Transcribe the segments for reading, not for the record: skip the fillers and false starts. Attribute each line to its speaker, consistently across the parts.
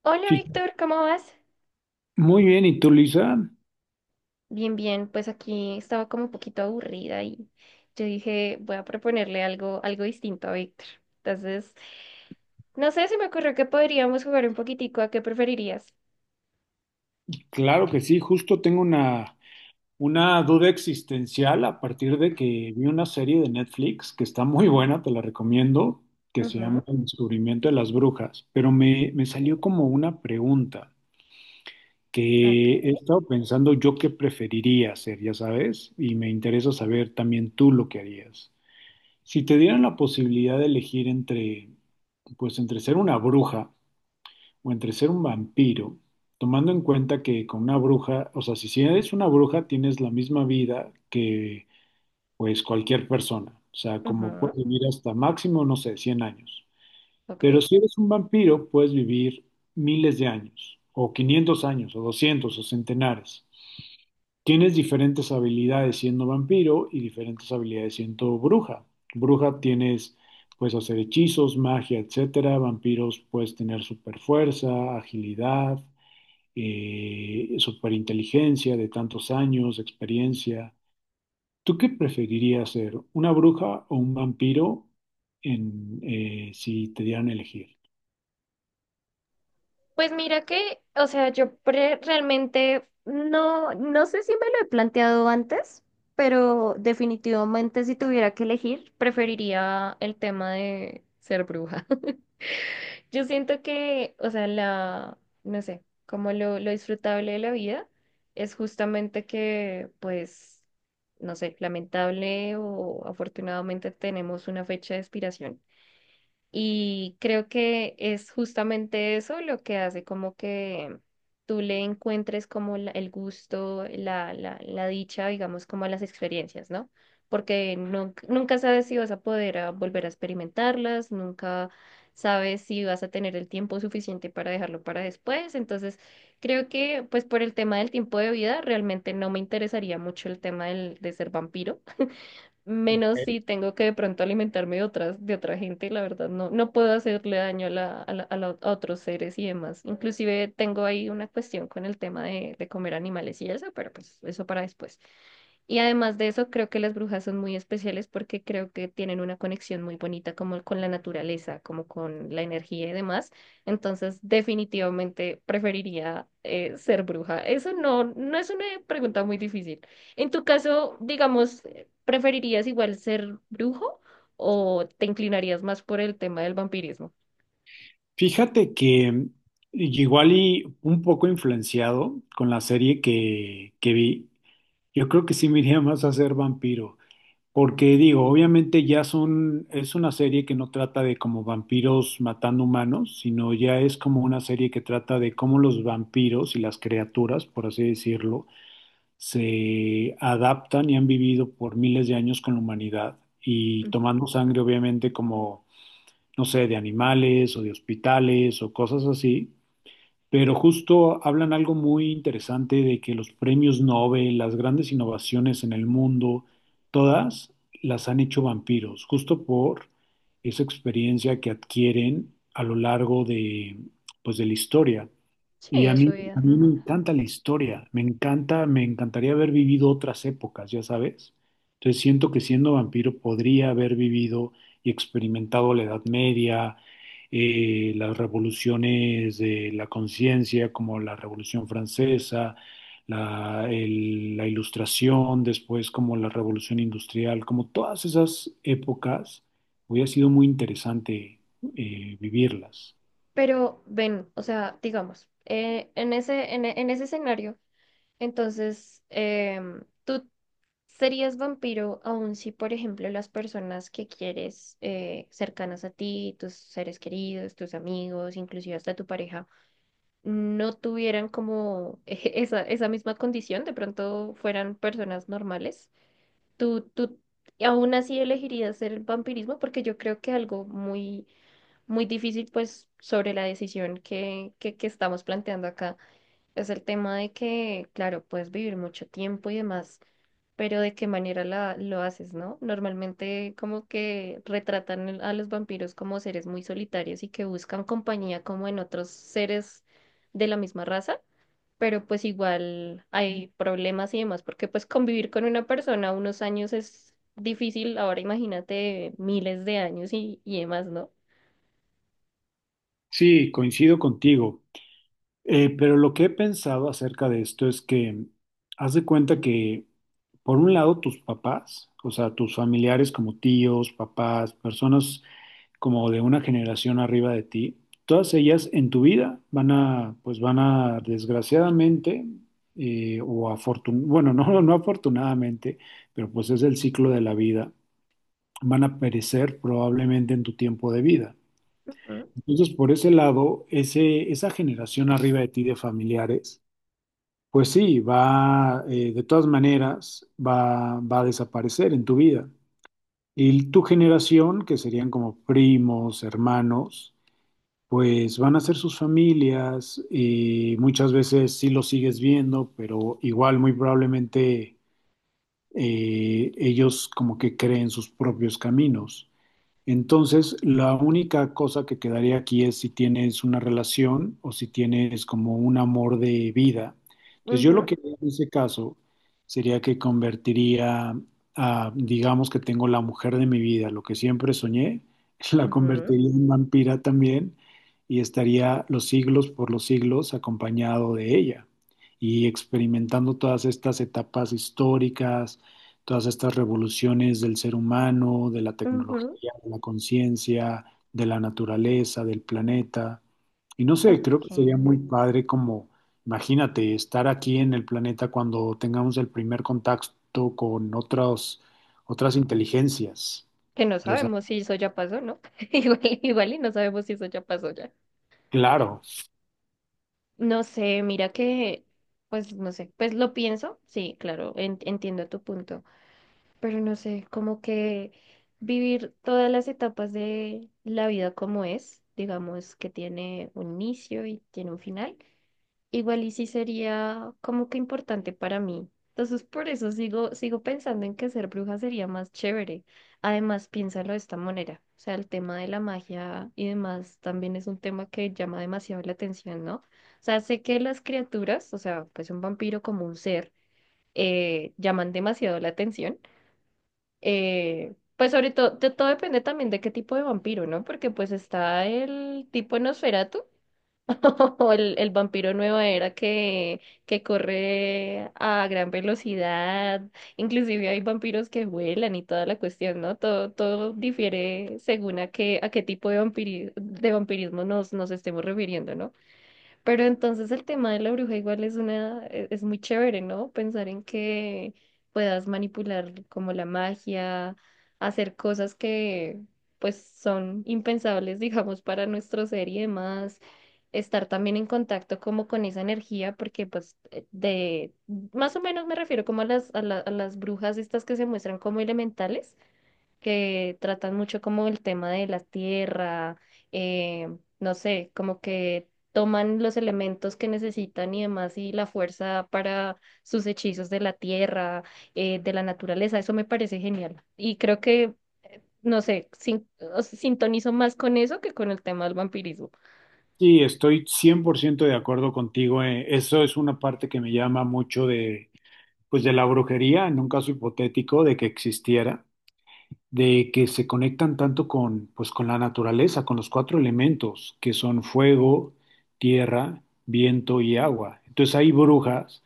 Speaker 1: Hola
Speaker 2: Sí.
Speaker 1: Víctor, ¿cómo vas?
Speaker 2: Muy bien, ¿y tú, Lisa?
Speaker 1: Bien, bien, pues aquí estaba como un poquito aburrida y yo dije, voy a proponerle algo, distinto a Víctor. Entonces, no sé, se me ocurrió que podríamos jugar un poquitico a qué preferirías.
Speaker 2: Claro que sí, justo tengo una duda existencial a partir de que vi una serie de Netflix que está muy buena, te la recomiendo, que se llama
Speaker 1: Ujú.
Speaker 2: El descubrimiento de las brujas, pero me salió como una pregunta que he
Speaker 1: Okay.
Speaker 2: estado pensando yo qué preferiría hacer, ya sabes, y me interesa saber también tú lo que harías. Si te dieran la posibilidad de elegir entre, pues entre ser una bruja, o entre ser un vampiro, tomando en cuenta que con una bruja, o sea, si eres una bruja, tienes la misma vida que pues cualquier persona. O sea, como
Speaker 1: Ujú,
Speaker 2: puedes vivir hasta máximo, no sé, 100 años.
Speaker 1: ok.
Speaker 2: Pero si eres un vampiro, puedes vivir miles de años, o 500 años, o 200 o centenares. Tienes diferentes habilidades siendo vampiro y diferentes habilidades siendo bruja. Bruja tienes, puedes hacer hechizos, magia, etcétera. Vampiros puedes tener super fuerza, agilidad, superinteligencia de tantos años, experiencia. ¿Tú qué preferirías ser, una bruja o un vampiro si te dieran a elegir?
Speaker 1: Pues mira que, o sea, realmente no sé si me lo he planteado antes, pero definitivamente si tuviera que elegir, preferiría el tema de ser bruja. Yo siento que, o sea, no sé, lo disfrutable de la vida es justamente que, pues, no sé, lamentable o afortunadamente tenemos una fecha de expiración. Y creo que es justamente eso lo que hace como que tú le encuentres como el gusto, la dicha, digamos, como a las experiencias, ¿no? Porque nunca sabes si vas a poder volver a experimentarlas, nunca sabes si vas a tener el tiempo suficiente para dejarlo para después. Entonces, creo que pues por el tema del tiempo de vida, realmente no me interesaría mucho el tema de ser vampiro menos si tengo que de pronto alimentarme de otra gente, la verdad, no, no puedo hacerle daño a a otros seres y demás. Inclusive tengo ahí una cuestión con el tema de comer animales y eso, pero pues eso para después. Y además de eso, creo que las brujas son muy especiales porque creo que tienen una conexión muy bonita como con la naturaleza, como con la energía y demás. Entonces, definitivamente preferiría ser bruja. Eso no, no es una pregunta muy difícil. En tu caso, digamos, ¿preferirías igual ser brujo o te inclinarías más por el tema del vampirismo?
Speaker 2: Fíjate que igual y un poco influenciado con la serie que vi, yo creo que sí me iría más a ser vampiro. Porque digo, obviamente ya son, es una serie que no trata de como vampiros matando humanos, sino ya es como una serie que trata de cómo los vampiros y las criaturas, por así decirlo, se adaptan y han vivido por miles de años con la humanidad y
Speaker 1: Mm.
Speaker 2: tomando sangre obviamente como, no sé, de animales o de hospitales o cosas así, pero justo hablan algo muy interesante de que los premios Nobel, las grandes innovaciones en el mundo, todas las han hecho vampiros, justo por esa experiencia que adquieren a lo largo de, pues, de la historia.
Speaker 1: Sí,
Speaker 2: Y
Speaker 1: eso vida.
Speaker 2: a mí me
Speaker 1: Ujú.
Speaker 2: encanta la historia, me encanta, me encantaría haber vivido otras épocas, ya sabes. Entonces siento que siendo vampiro podría haber vivido y experimentado la Edad Media, las revoluciones de la conciencia, como la Revolución Francesa, la Ilustración, después como la Revolución Industrial, como todas esas épocas, hubiera sido muy interesante vivirlas.
Speaker 1: Pero ven, o sea, digamos, en ese, en ese escenario, entonces, tú serías vampiro aun si, por ejemplo, las personas que quieres cercanas a ti, tus seres queridos, tus amigos, inclusive hasta tu pareja, no tuvieran como esa misma condición, de pronto fueran personas normales. Tú aún así elegirías hacer el vampirismo porque yo creo que algo muy, muy difícil, pues, sobre la decisión que estamos planteando acá es el tema de que, claro, puedes vivir mucho tiempo y demás, pero de qué manera lo haces, ¿no? Normalmente como que retratan a los vampiros como seres muy solitarios y que buscan compañía como en otros seres de la misma raza, pero pues igual hay problemas y demás, porque pues convivir con una persona unos años es difícil, ahora imagínate miles de años y demás, ¿no?
Speaker 2: Sí, coincido contigo. Pero lo que he pensado acerca de esto es que haz de cuenta que, por un lado, tus papás, o sea, tus familiares como tíos, papás, personas como de una generación arriba de ti, todas ellas en tu vida van a, desgraciadamente, o afortun bueno, no, no afortunadamente, pero pues es el ciclo de la vida, van a perecer probablemente en tu tiempo de vida.
Speaker 1: Ujú,
Speaker 2: Entonces, por ese lado, esa generación arriba de ti de familiares, pues sí, de todas maneras, va a desaparecer en tu vida. Y tu generación, que serían como primos, hermanos, pues van a ser sus familias y muchas veces sí los sigues viendo, pero igual muy probablemente ellos como que creen sus propios caminos. Entonces, la única cosa que quedaría aquí es si tienes una relación o si tienes como un amor de vida. Entonces, yo lo que haría en ese caso sería que convertiría digamos que tengo la mujer de mi vida, lo que siempre soñé, la
Speaker 1: ujú,
Speaker 2: convertiría en vampira también y estaría los siglos por los siglos acompañado de ella y experimentando todas estas etapas históricas, todas estas revoluciones del ser humano, de la
Speaker 1: ujú, ujú,
Speaker 2: tecnología, de la conciencia, de la naturaleza, del planeta. Y no sé, creo que sería
Speaker 1: ok.
Speaker 2: muy padre como, imagínate, estar aquí en el planeta cuando tengamos el primer contacto con otras inteligencias.
Speaker 1: Que no
Speaker 2: Ya sabes.
Speaker 1: sabemos si eso ya pasó, ¿no? Igual, igual y no sabemos si eso ya pasó ya.
Speaker 2: Claro,
Speaker 1: No sé, mira que, pues no sé, pues lo pienso, sí, claro, entiendo tu punto. Pero no sé, como que vivir todas las etapas de la vida como es, digamos que tiene un inicio y tiene un final, igual y sí sería como que importante para mí. Entonces por eso sigo, sigo pensando en que ser bruja sería más chévere. Además, piénsalo de esta manera. O sea, el tema de la magia y demás también es un tema que llama demasiado la atención, ¿no? O sea, sé que las criaturas, o sea, pues un vampiro como un ser, llaman demasiado la atención, pues sobre todo, todo depende también de qué tipo de vampiro, ¿no? Porque pues está el tipo Nosferatu o el vampiro nueva era que corre a gran velocidad, inclusive hay vampiros que vuelan y toda la cuestión, ¿no? Todo, todo difiere según a qué tipo de vampirismo nos estemos refiriendo, ¿no? Pero entonces el tema de la bruja igual es una, es muy chévere, ¿no? Pensar en que puedas manipular como la magia, hacer cosas que pues son impensables, digamos, para nuestro ser y demás, estar también en contacto como con esa energía, porque pues más o menos me refiero como a a las brujas estas que se muestran como elementales que tratan mucho como el tema de la tierra, eh, no sé, como que toman los elementos que necesitan y demás y la fuerza para sus hechizos de la tierra, de la naturaleza, eso me parece genial. Y creo que, no sé, o sea, sintonizo más con eso que con el tema del vampirismo.
Speaker 2: sí, estoy 100% de acuerdo contigo. Eso es una parte que me llama mucho pues de la brujería, en un caso hipotético de que existiera, de que se conectan tanto pues, con la naturaleza, con los cuatro elementos, que son fuego, tierra, viento y agua. Entonces hay brujas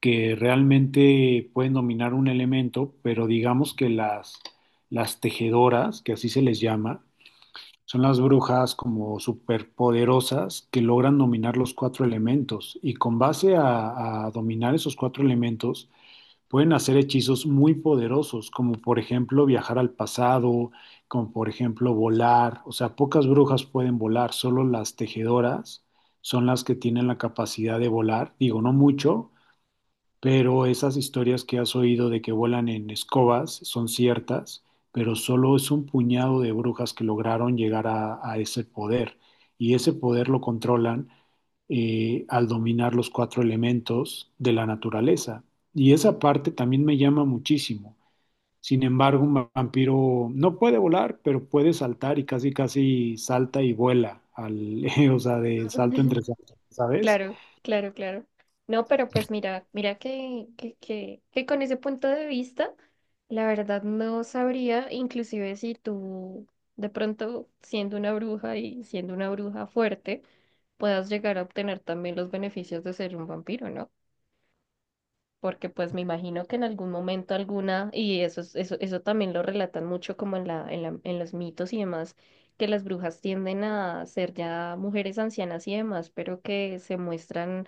Speaker 2: que realmente pueden dominar un elemento, pero digamos que las tejedoras, que así se les llama, son las brujas como superpoderosas que logran dominar los cuatro elementos. Y con base a dominar esos cuatro elementos, pueden hacer hechizos muy poderosos, como por ejemplo viajar al pasado, como por ejemplo volar. O sea, pocas brujas pueden volar, solo las tejedoras son las que tienen la capacidad de volar. Digo, no mucho, pero esas historias que has oído de que vuelan en escobas son ciertas, pero solo es un puñado de brujas que lograron llegar a ese poder y ese poder lo controlan, al dominar los cuatro elementos de la naturaleza. Y esa parte también me llama muchísimo. Sin embargo, un vampiro no puede volar, pero puede saltar y casi casi salta y vuela, al, o sea, de salto entre salto, ¿sabes?
Speaker 1: Claro, claro, claro. No, pero pues mira, mira que con ese punto de vista, la verdad no sabría, inclusive si tú de pronto siendo una bruja y siendo una bruja fuerte, puedas llegar a obtener también los beneficios de ser un vampiro, ¿no? Porque pues me imagino que en algún momento alguna, y eso, eso también lo relatan mucho como en los mitos y demás, que las brujas tienden a ser ya mujeres ancianas y demás, pero que se muestran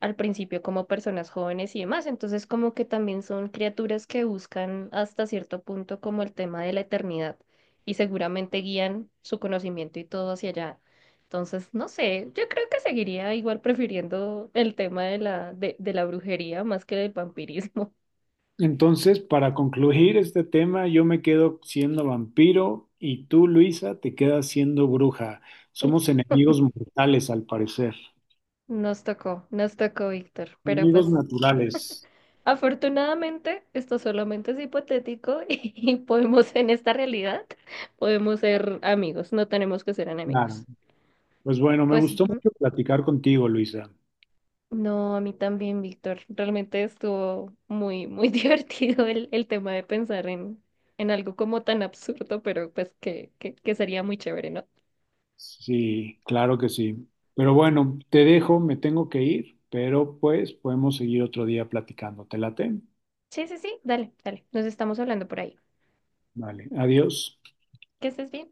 Speaker 1: al principio como personas jóvenes y demás. Entonces, como que también son criaturas que buscan hasta cierto punto como el tema de la eternidad y seguramente guían su conocimiento y todo hacia allá. Entonces, no sé, yo creo que seguiría igual prefiriendo el tema de la brujería más que del vampirismo.
Speaker 2: Entonces, para concluir este tema, yo me quedo siendo vampiro y tú, Luisa, te quedas siendo bruja. Somos enemigos mortales, al parecer.
Speaker 1: Nos tocó, Víctor, pero
Speaker 2: Enemigos
Speaker 1: pues
Speaker 2: naturales,
Speaker 1: afortunadamente esto solamente es hipotético y podemos en esta realidad, podemos ser amigos, no tenemos que ser enemigos.
Speaker 2: claro. Pues bueno, me
Speaker 1: Pues
Speaker 2: gustó
Speaker 1: ujú.
Speaker 2: mucho platicar contigo, Luisa.
Speaker 1: No, a mí también, Víctor. Realmente estuvo muy, muy divertido el tema de pensar en algo como tan absurdo, pero pues que sería muy chévere, ¿no?
Speaker 2: Sí, claro que sí. Pero bueno, te dejo, me tengo que ir, pero pues podemos seguir otro día platicando. ¿Te late?
Speaker 1: Sí, sí, sí, dale, dale. Nos estamos hablando por ahí.
Speaker 2: Vale, adiós.
Speaker 1: Que estés bien.